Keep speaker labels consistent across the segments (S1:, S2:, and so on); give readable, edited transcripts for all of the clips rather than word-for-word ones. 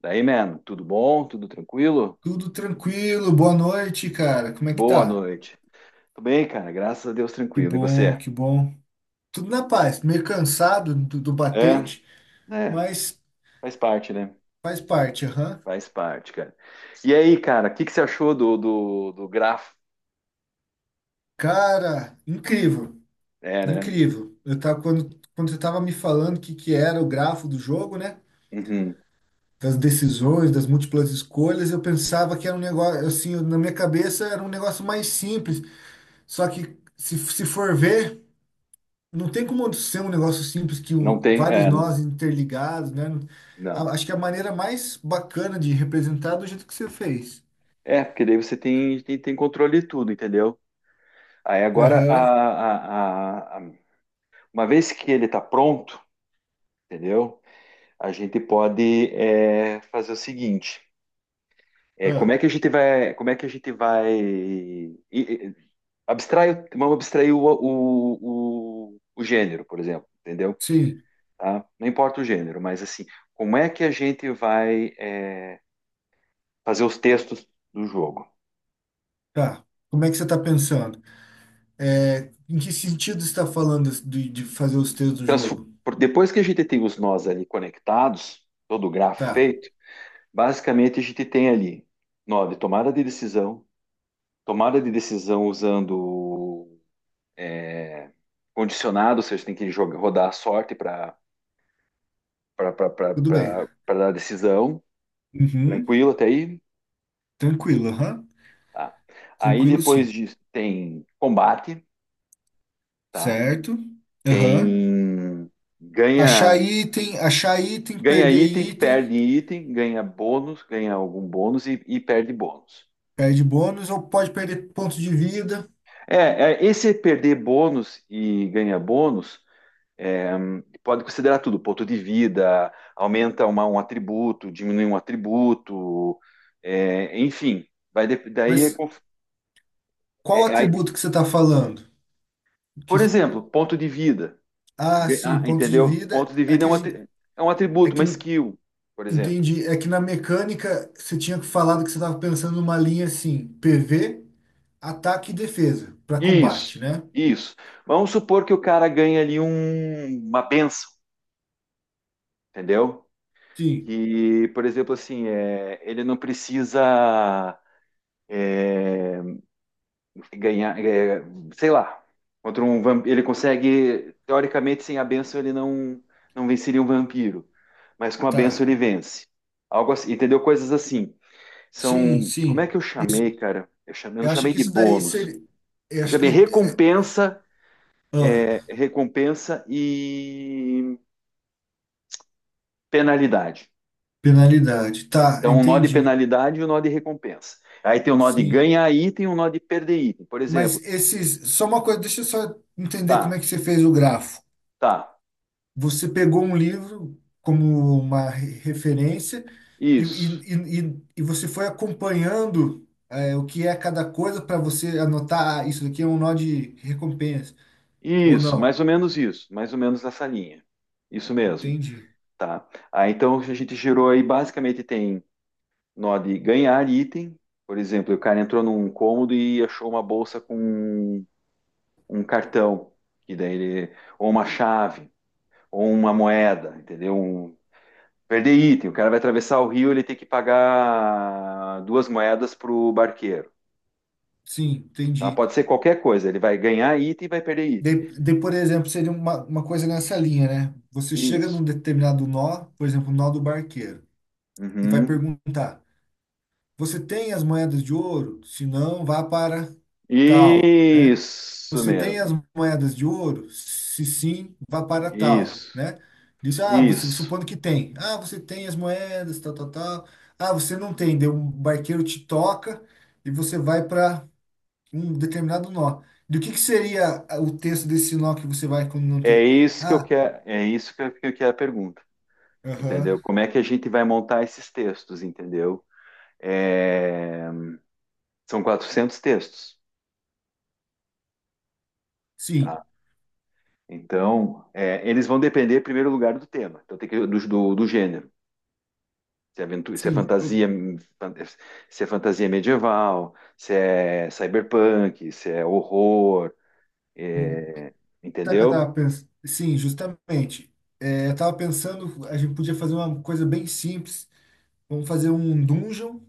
S1: Daí, man, tudo bom? Tudo tranquilo?
S2: Tudo tranquilo, boa noite, cara. Como é que
S1: Boa
S2: tá?
S1: noite. Tudo bem, cara? Graças a Deus,
S2: Que
S1: tranquilo. E
S2: bom,
S1: você?
S2: que bom. Tudo na paz, meio cansado do
S1: É,
S2: batente,
S1: é,
S2: mas
S1: faz parte, né?
S2: faz parte, aham.
S1: Faz parte, cara. E aí, cara, o que que você achou do grafo?
S2: Cara, incrível,
S1: É, né?
S2: incrível. Eu tava, quando você tava me falando o que era o grafo do jogo, né?
S1: Uhum.
S2: Das decisões, das múltiplas escolhas, eu pensava que era um negócio, assim, na minha cabeça era um negócio mais simples. Só que se for ver. Não tem como ser um negócio simples que
S1: Não
S2: um,
S1: tem,
S2: vários
S1: é,
S2: nós interligados, né?
S1: não.
S2: Acho que a maneira mais bacana de representar é do jeito que você fez.
S1: É, porque daí você tem, tem controle de tudo, entendeu? Aí agora,
S2: Aham.
S1: uma vez que ele tá pronto, entendeu? A gente pode, é, fazer o seguinte. É, como
S2: Ah,
S1: é que a gente vai, como é que a gente vai abstrai, vamos abstrair o gênero, por exemplo, entendeu?
S2: sim,
S1: Tá? Não importa o gênero, mas assim, como é que a gente vai, é, fazer os textos do jogo?
S2: tá. Como é que você está pensando? É, em que sentido você está falando de fazer os textos do jogo?
S1: Depois que a gente tem os nós ali conectados, todo o grafo
S2: Tá,
S1: feito, basicamente a gente tem ali nó de tomada de decisão usando condicionado, ou seja, tem que jogar, rodar a sorte para
S2: tudo bem.
S1: para dar decisão.
S2: Uhum.
S1: Tranquilo até aí?
S2: Tranquilo, aham.
S1: Tá. Aí
S2: Tranquilo,
S1: depois
S2: sim.
S1: disso tem combate, tá?
S2: Certo? Aham.
S1: Tem ganha
S2: Achar item,
S1: ganha
S2: perder
S1: item,
S2: item,
S1: perde item, ganha bônus, ganha algum bônus e perde bônus.
S2: perde bônus ou pode perder ponto de vida,
S1: É, esse perder bônus e ganhar bônus, é, pode considerar tudo, ponto de vida, aumenta um atributo, diminui um atributo, é, enfim, daí é,
S2: mas qual
S1: é- é,
S2: atributo que você está falando? Que,
S1: por exemplo, ponto de vida.
S2: ah, sim, pontos de
S1: Entendeu?
S2: vida.
S1: Ponto de
S2: É
S1: vida é
S2: que a
S1: um,
S2: gente,
S1: é um
S2: é
S1: atributo,
S2: que
S1: uma skill, por exemplo.
S2: entendi. É que na mecânica você tinha falado que você estava pensando numa linha assim, PV, ataque e defesa para
S1: Isso,
S2: combate, né?
S1: isso. Vamos supor que o cara ganha ali uma benção, entendeu?
S2: Sim,
S1: Que, por exemplo, assim, é, ele não precisa ganhar, é, sei lá, contra ele consegue, teoricamente, sem a benção ele não venceria um vampiro, mas com a benção
S2: tá.
S1: ele vence. Algo assim, entendeu? Coisas assim.
S2: Sim,
S1: São. Como é
S2: sim.
S1: que eu chamei,
S2: Isso.
S1: cara? Eu chamei, eu não
S2: Eu acho
S1: chamei
S2: que
S1: de
S2: isso daí
S1: bônus.
S2: seria. Eu
S1: Eu
S2: acho que
S1: chamei recompensa,
S2: ah,
S1: é, recompensa e penalidade.
S2: penalidade. Tá,
S1: Então, um nó de
S2: entendi.
S1: penalidade e um nó de recompensa. Aí tem um nó de
S2: Sim.
S1: ganhar item e um nó de perder item. Por
S2: Mas
S1: exemplo,
S2: esses. Só uma coisa, deixa eu só entender como
S1: tá,
S2: é que você fez o grafo.
S1: tá,
S2: Você pegou um livro como uma referência e, e,
S1: isso,
S2: e você foi acompanhando é, o que é cada coisa para você anotar, ah, isso daqui é um nó de recompensa, ou
S1: isso,
S2: não.
S1: mais ou menos isso, mais ou menos essa linha. Isso mesmo,
S2: Entendi.
S1: tá? Aí então a gente gerou aí, basicamente tem nó de ganhar item. Por exemplo, o cara entrou num cômodo e achou uma bolsa com um cartão, que daí ele, ou uma chave, ou uma moeda, entendeu? Um, perder item, o cara vai atravessar o rio, ele tem que pagar duas moedas pro barqueiro,
S2: Sim,
S1: tá?
S2: entendi.
S1: Pode ser qualquer coisa, ele vai ganhar item e vai perder item.
S2: De, por exemplo, seria uma coisa nessa linha, né? Você chega
S1: Isso.
S2: num determinado nó, por exemplo, o nó do barqueiro, e vai
S1: Uhum.
S2: perguntar: Você tem as moedas de ouro? Se não, vá para tal. Né?
S1: Isso
S2: Você tem as
S1: mesmo.
S2: moedas de ouro? Se sim, vá para tal,
S1: Isso.
S2: né? Diz, ah, você
S1: Isso.
S2: supondo que tem. Ah, você tem as moedas, tal, tal, tal. Ah, você não tem. Daí um barqueiro te toca e você vai para um determinado nó. Do que seria ah, o texto desse nó que você vai quando não
S1: É
S2: tem?
S1: isso que eu
S2: Ah,
S1: quero, é isso que que eu quero a pergunta,
S2: aham,
S1: entendeu? Como é que a gente vai montar esses textos, entendeu? É, são 400 textos,
S2: sim,
S1: tá? Então, é, eles vão depender, em primeiro lugar, do tema, então tem que, do gênero. Se é, aventura, se é
S2: sim.
S1: fantasia, se é fantasia medieval, se é cyberpunk, se é horror,
S2: Hum,
S1: é,
S2: sabe o que eu
S1: entendeu?
S2: tava pensando? Sim, justamente. É, eu tava pensando, a gente podia fazer uma coisa bem simples. Vamos fazer um dungeon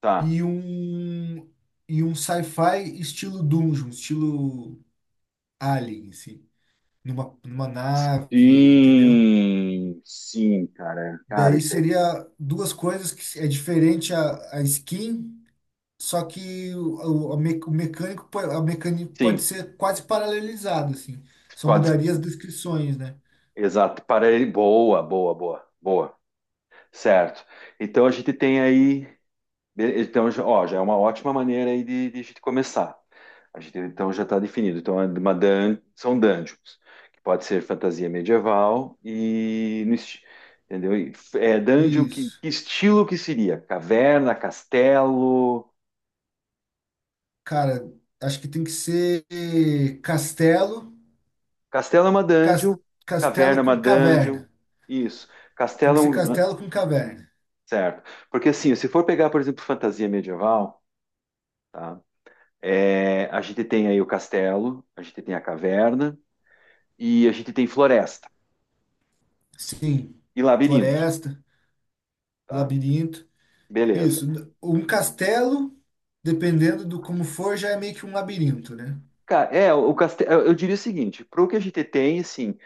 S1: Tá.
S2: e um e um sci-fi estilo dungeon, estilo alien, assim, numa nave, entendeu?
S1: Sim, sim, cara. Cara,
S2: Daí
S1: isso aí.
S2: seria duas coisas que é diferente a skin, só que o, a me- o mecânico po- a mecânica pode
S1: Sim,
S2: ser quase paralelizado, assim. Só
S1: quase.
S2: mudaria as descrições, né?
S1: Exato. Para ele, boa, boa, boa, boa. Certo. Então a gente tem aí. Então, ó, já é uma ótima maneira aí de a gente começar. A gente, então, já está definido. Então, é são dungeons, que pode ser fantasia medieval e... no esti- entendeu? É dungeon,
S2: Isso.
S1: que estilo que seria? Caverna, castelo...
S2: Cara, acho que tem que ser castelo,
S1: Castelo é uma dungeon,
S2: cas-
S1: caverna
S2: castelo
S1: é uma
S2: com
S1: dungeon,
S2: caverna.
S1: isso.
S2: Tem
S1: Castelo
S2: que
S1: é
S2: ser
S1: um...
S2: castelo com caverna.
S1: Certo. Porque, assim, se for pegar, por exemplo, fantasia medieval, tá? É, a gente tem aí o castelo, a gente tem a caverna, e a gente tem floresta
S2: Sim,
S1: e labirinto,
S2: floresta,
S1: tá?
S2: labirinto.
S1: Beleza.
S2: Isso, um castelo, dependendo do como for, já é meio que um labirinto, né?
S1: Cara, é, o castelo, eu diria o seguinte, pro que a gente tem, assim,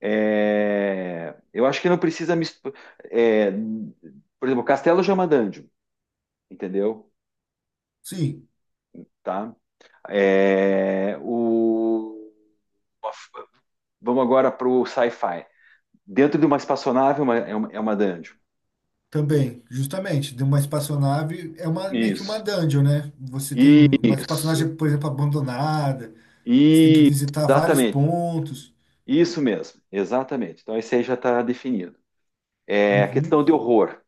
S1: é, eu acho que não precisa misturar, por exemplo, castelo já é uma dungeon, entendeu?
S2: Sim,
S1: Tá? É, o, vamos agora pro sci-fi. Dentro de uma espaçonave é uma, é uma dungeon.
S2: também, justamente. De uma espaçonave é uma meio que uma
S1: Isso.
S2: dungeon, né? Você tem uma
S1: Isso.
S2: espaçonave, por exemplo, abandonada, que você tem que
S1: Isso.
S2: visitar vários
S1: Exatamente.
S2: pontos.
S1: Isso mesmo. Exatamente. Então, esse aí já está definido. É, a
S2: Uhum,
S1: questão de horror.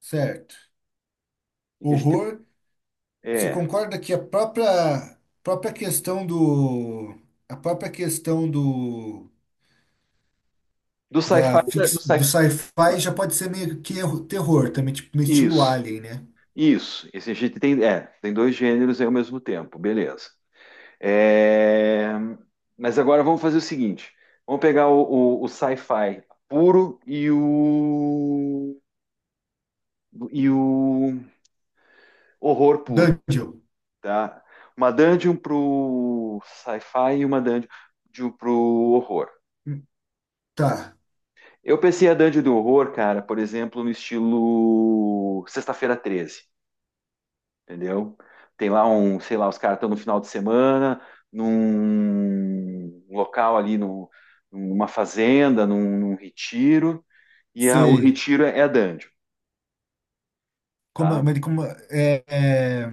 S2: certo.
S1: Em que a gente,
S2: Horror, você
S1: é,
S2: concorda que a própria própria questão do a própria questão do
S1: do sci-fi. Do
S2: do
S1: sci
S2: sci-fi já pode ser meio que terror também, tipo no estilo
S1: isso,
S2: Alien, né?
S1: isso. Esse a gente tem, é, tem dois gêneros aí ao mesmo tempo, beleza. É, mas agora vamos fazer o seguinte: vamos pegar o sci-fi puro e o horror puro,
S2: Dungeon.
S1: tá? Uma dungeon pro sci-fi e uma dungeon pro horror.
S2: Hum, Tá,
S1: Eu pensei a Dungeon do Horror, cara, por exemplo, no estilo Sexta-feira 13, entendeu? Tem lá um, sei lá, os caras estão no final de semana, num local ali, numa fazenda, num retiro, e o
S2: sei.
S1: retiro é a dungeon,
S2: Como,
S1: tá?
S2: mas como, é, é,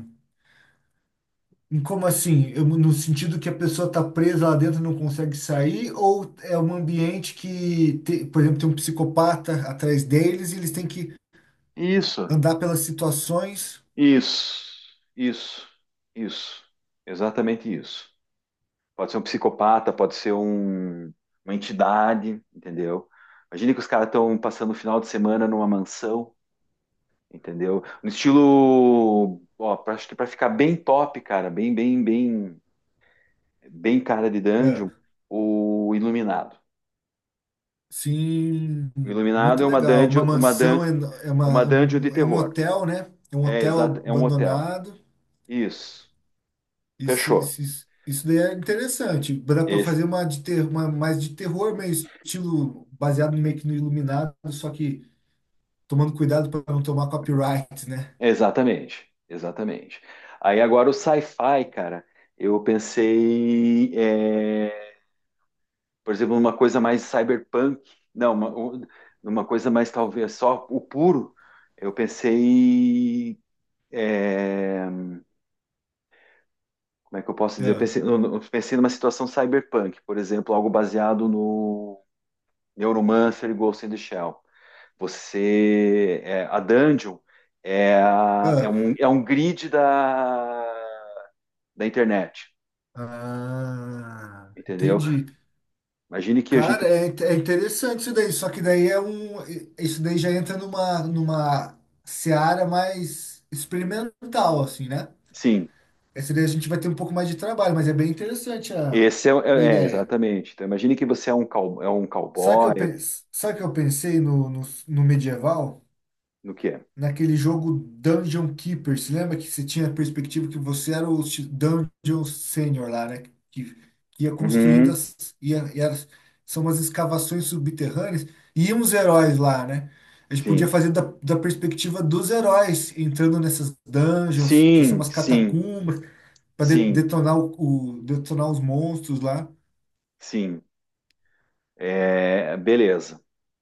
S2: como assim? No sentido que a pessoa tá presa lá dentro e não consegue sair, ou é um ambiente que, por exemplo, tem um psicopata atrás deles e eles têm que
S1: Isso,
S2: andar pelas situações.
S1: isso, isso, isso, exatamente isso. Pode ser um psicopata, pode ser uma entidade, entendeu? Imagina que os caras estão passando o final de semana numa mansão. Entendeu? No estilo, ó, acho que para ficar bem top, cara, bem, bem, bem, bem cara de dungeon,
S2: É,
S1: o Iluminado.
S2: sim,
S1: O Iluminado
S2: muito
S1: é uma
S2: legal. Uma
S1: dungeon, uma dun,
S2: mansão, é, é, uma,
S1: uma dungeon de
S2: é um
S1: terror.
S2: hotel, né? É um
S1: É exato,
S2: hotel
S1: é um hotel.
S2: abandonado.
S1: Isso.
S2: Isso,
S1: Fechou.
S2: isso, isso, isso daí é interessante. Dá para
S1: Esse,
S2: fazer uma, de ter, uma mais de terror, meio estilo baseado meio que no Iluminado, só que tomando cuidado para não tomar copyright, né?
S1: exatamente, exatamente. Aí agora o sci-fi, cara, eu pensei é, por exemplo, uma coisa mais cyberpunk, não, uma coisa mais talvez só o puro. Eu pensei, é, como é que eu posso dizer? Eu
S2: Ah,
S1: pensei, eu pensei numa situação cyberpunk, por exemplo, algo baseado no Neuromancer e Ghost in the Shell. Você, é, a dungeon é,
S2: ah.
S1: é um grid da, da internet,
S2: Ah,
S1: entendeu?
S2: entendi.
S1: Imagine que a gente,
S2: Cara, é, é interessante isso daí, só que daí é um. Isso daí já entra numa seara mais experimental, assim, né?
S1: sim.
S2: Essa daí a gente vai ter um pouco mais de trabalho, mas é bem interessante
S1: Esse é,
S2: a
S1: é,
S2: ideia.
S1: exatamente. Então, imagine que você é um, é um
S2: Sabe que
S1: cowboy,
S2: eu, pen- sabe que eu pensei no medieval?
S1: no que é?
S2: Naquele jogo Dungeon Keeper. Você lembra que você tinha a perspectiva que você era o Dungeon Senior lá, né? Que, que ia construindo
S1: Uhum,
S2: as. Ia, ia- são umas escavações subterrâneas. E iam os heróis lá, né? A gente podia
S1: sim.
S2: fazer da perspectiva dos heróis entrando nessas dungeons, que são
S1: Sim,
S2: umas
S1: sim,
S2: catacumbas, para
S1: sim,
S2: detonar, detonar os monstros lá.
S1: sim. É, beleza.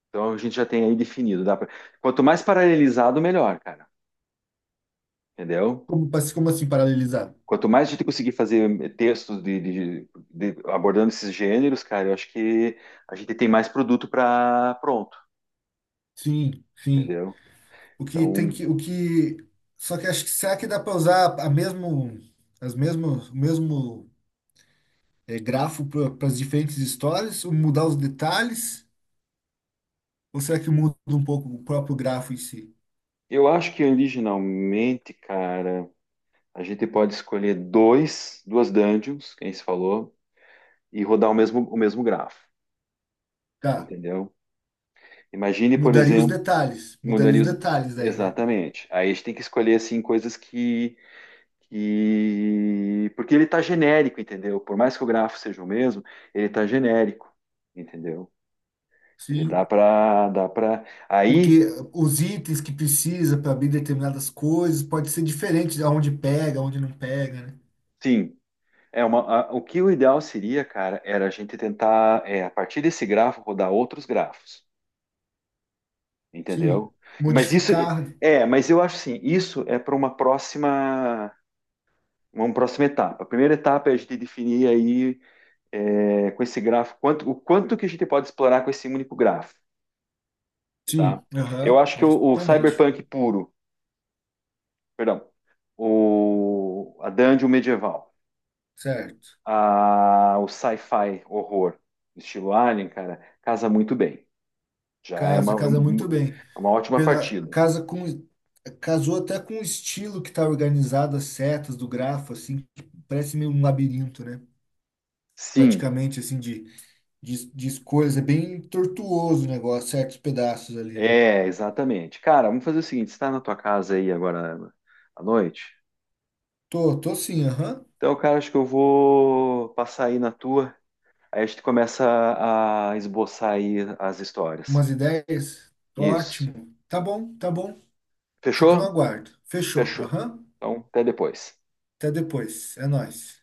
S1: Então a gente já tem aí definido. Dá pra... Quanto mais paralelizado, melhor, cara. Entendeu?
S2: Como, como assim paralelizar?
S1: Quanto mais a gente conseguir fazer textos de- abordando esses gêneros, cara, eu acho que a gente tem mais produto para pronto,
S2: Sim, sim.
S1: entendeu?
S2: O que tem
S1: Então,
S2: que, o que, só que acho que será que dá para usar a mesmo, as mesmo o mesmo eh, grafo para as diferentes histórias, ou mudar os detalhes, ou será que muda um pouco o próprio grafo em si?
S1: eu acho que originalmente, cara, a gente pode escolher dois, duas dungeons, quem se falou, e rodar o mesmo grafo,
S2: Tá,
S1: entendeu? Imagine, por exemplo,
S2: mudaria
S1: mudaria
S2: os
S1: os...
S2: detalhes aí, né?
S1: Exatamente. Aí a gente tem que escolher, assim, coisas que... Porque ele está genérico, entendeu? Por mais que o grafo seja o mesmo, ele está genérico, entendeu? Ele dá
S2: Sim.
S1: para, dá para. Aí,
S2: Porque os itens que precisa para abrir determinadas coisas pode ser diferente de onde pega, onde não pega, né?
S1: sim, é uma... o que o ideal seria, cara, era a gente tentar, é, a partir desse grafo, rodar outros grafos,
S2: Sim.
S1: entendeu? Mas isso...
S2: Modificar.
S1: É, mas eu acho assim, isso é para uma próxima... Uma próxima etapa. A primeira etapa é a gente definir aí é, com esse grafo, quanto, o quanto que a gente pode explorar com esse único grafo, tá?
S2: Sim.
S1: Eu
S2: Aham,
S1: acho que o
S2: justamente.
S1: cyberpunk puro, perdão, o, a dungeon medieval,
S2: Certo.
S1: a, o sci-fi horror, estilo Alien, cara, casa muito bem. Já é uma,
S2: Casa, casa muito bem.
S1: é uma ótima partida.
S2: Casa com, casou até com o estilo que tá organizado, as setas do grafo, assim, que parece meio um labirinto, né?
S1: Sim,
S2: Praticamente, assim, de escolhas. É bem tortuoso o negócio, certos pedaços ali. Né?
S1: é, exatamente. Cara, vamos fazer o seguinte: você está na tua casa aí agora à noite?
S2: Tô sim, aham.
S1: Então, cara, acho que eu vou passar aí na tua. Aí a gente começa a esboçar aí as histórias.
S2: Umas ideias?
S1: Isso.
S2: Ótimo. Tá bom, tá bom. Fico no
S1: Fechou?
S2: aguardo. Fechou,
S1: Fechou.
S2: aham.
S1: Então, até depois.
S2: Até depois. É nóis.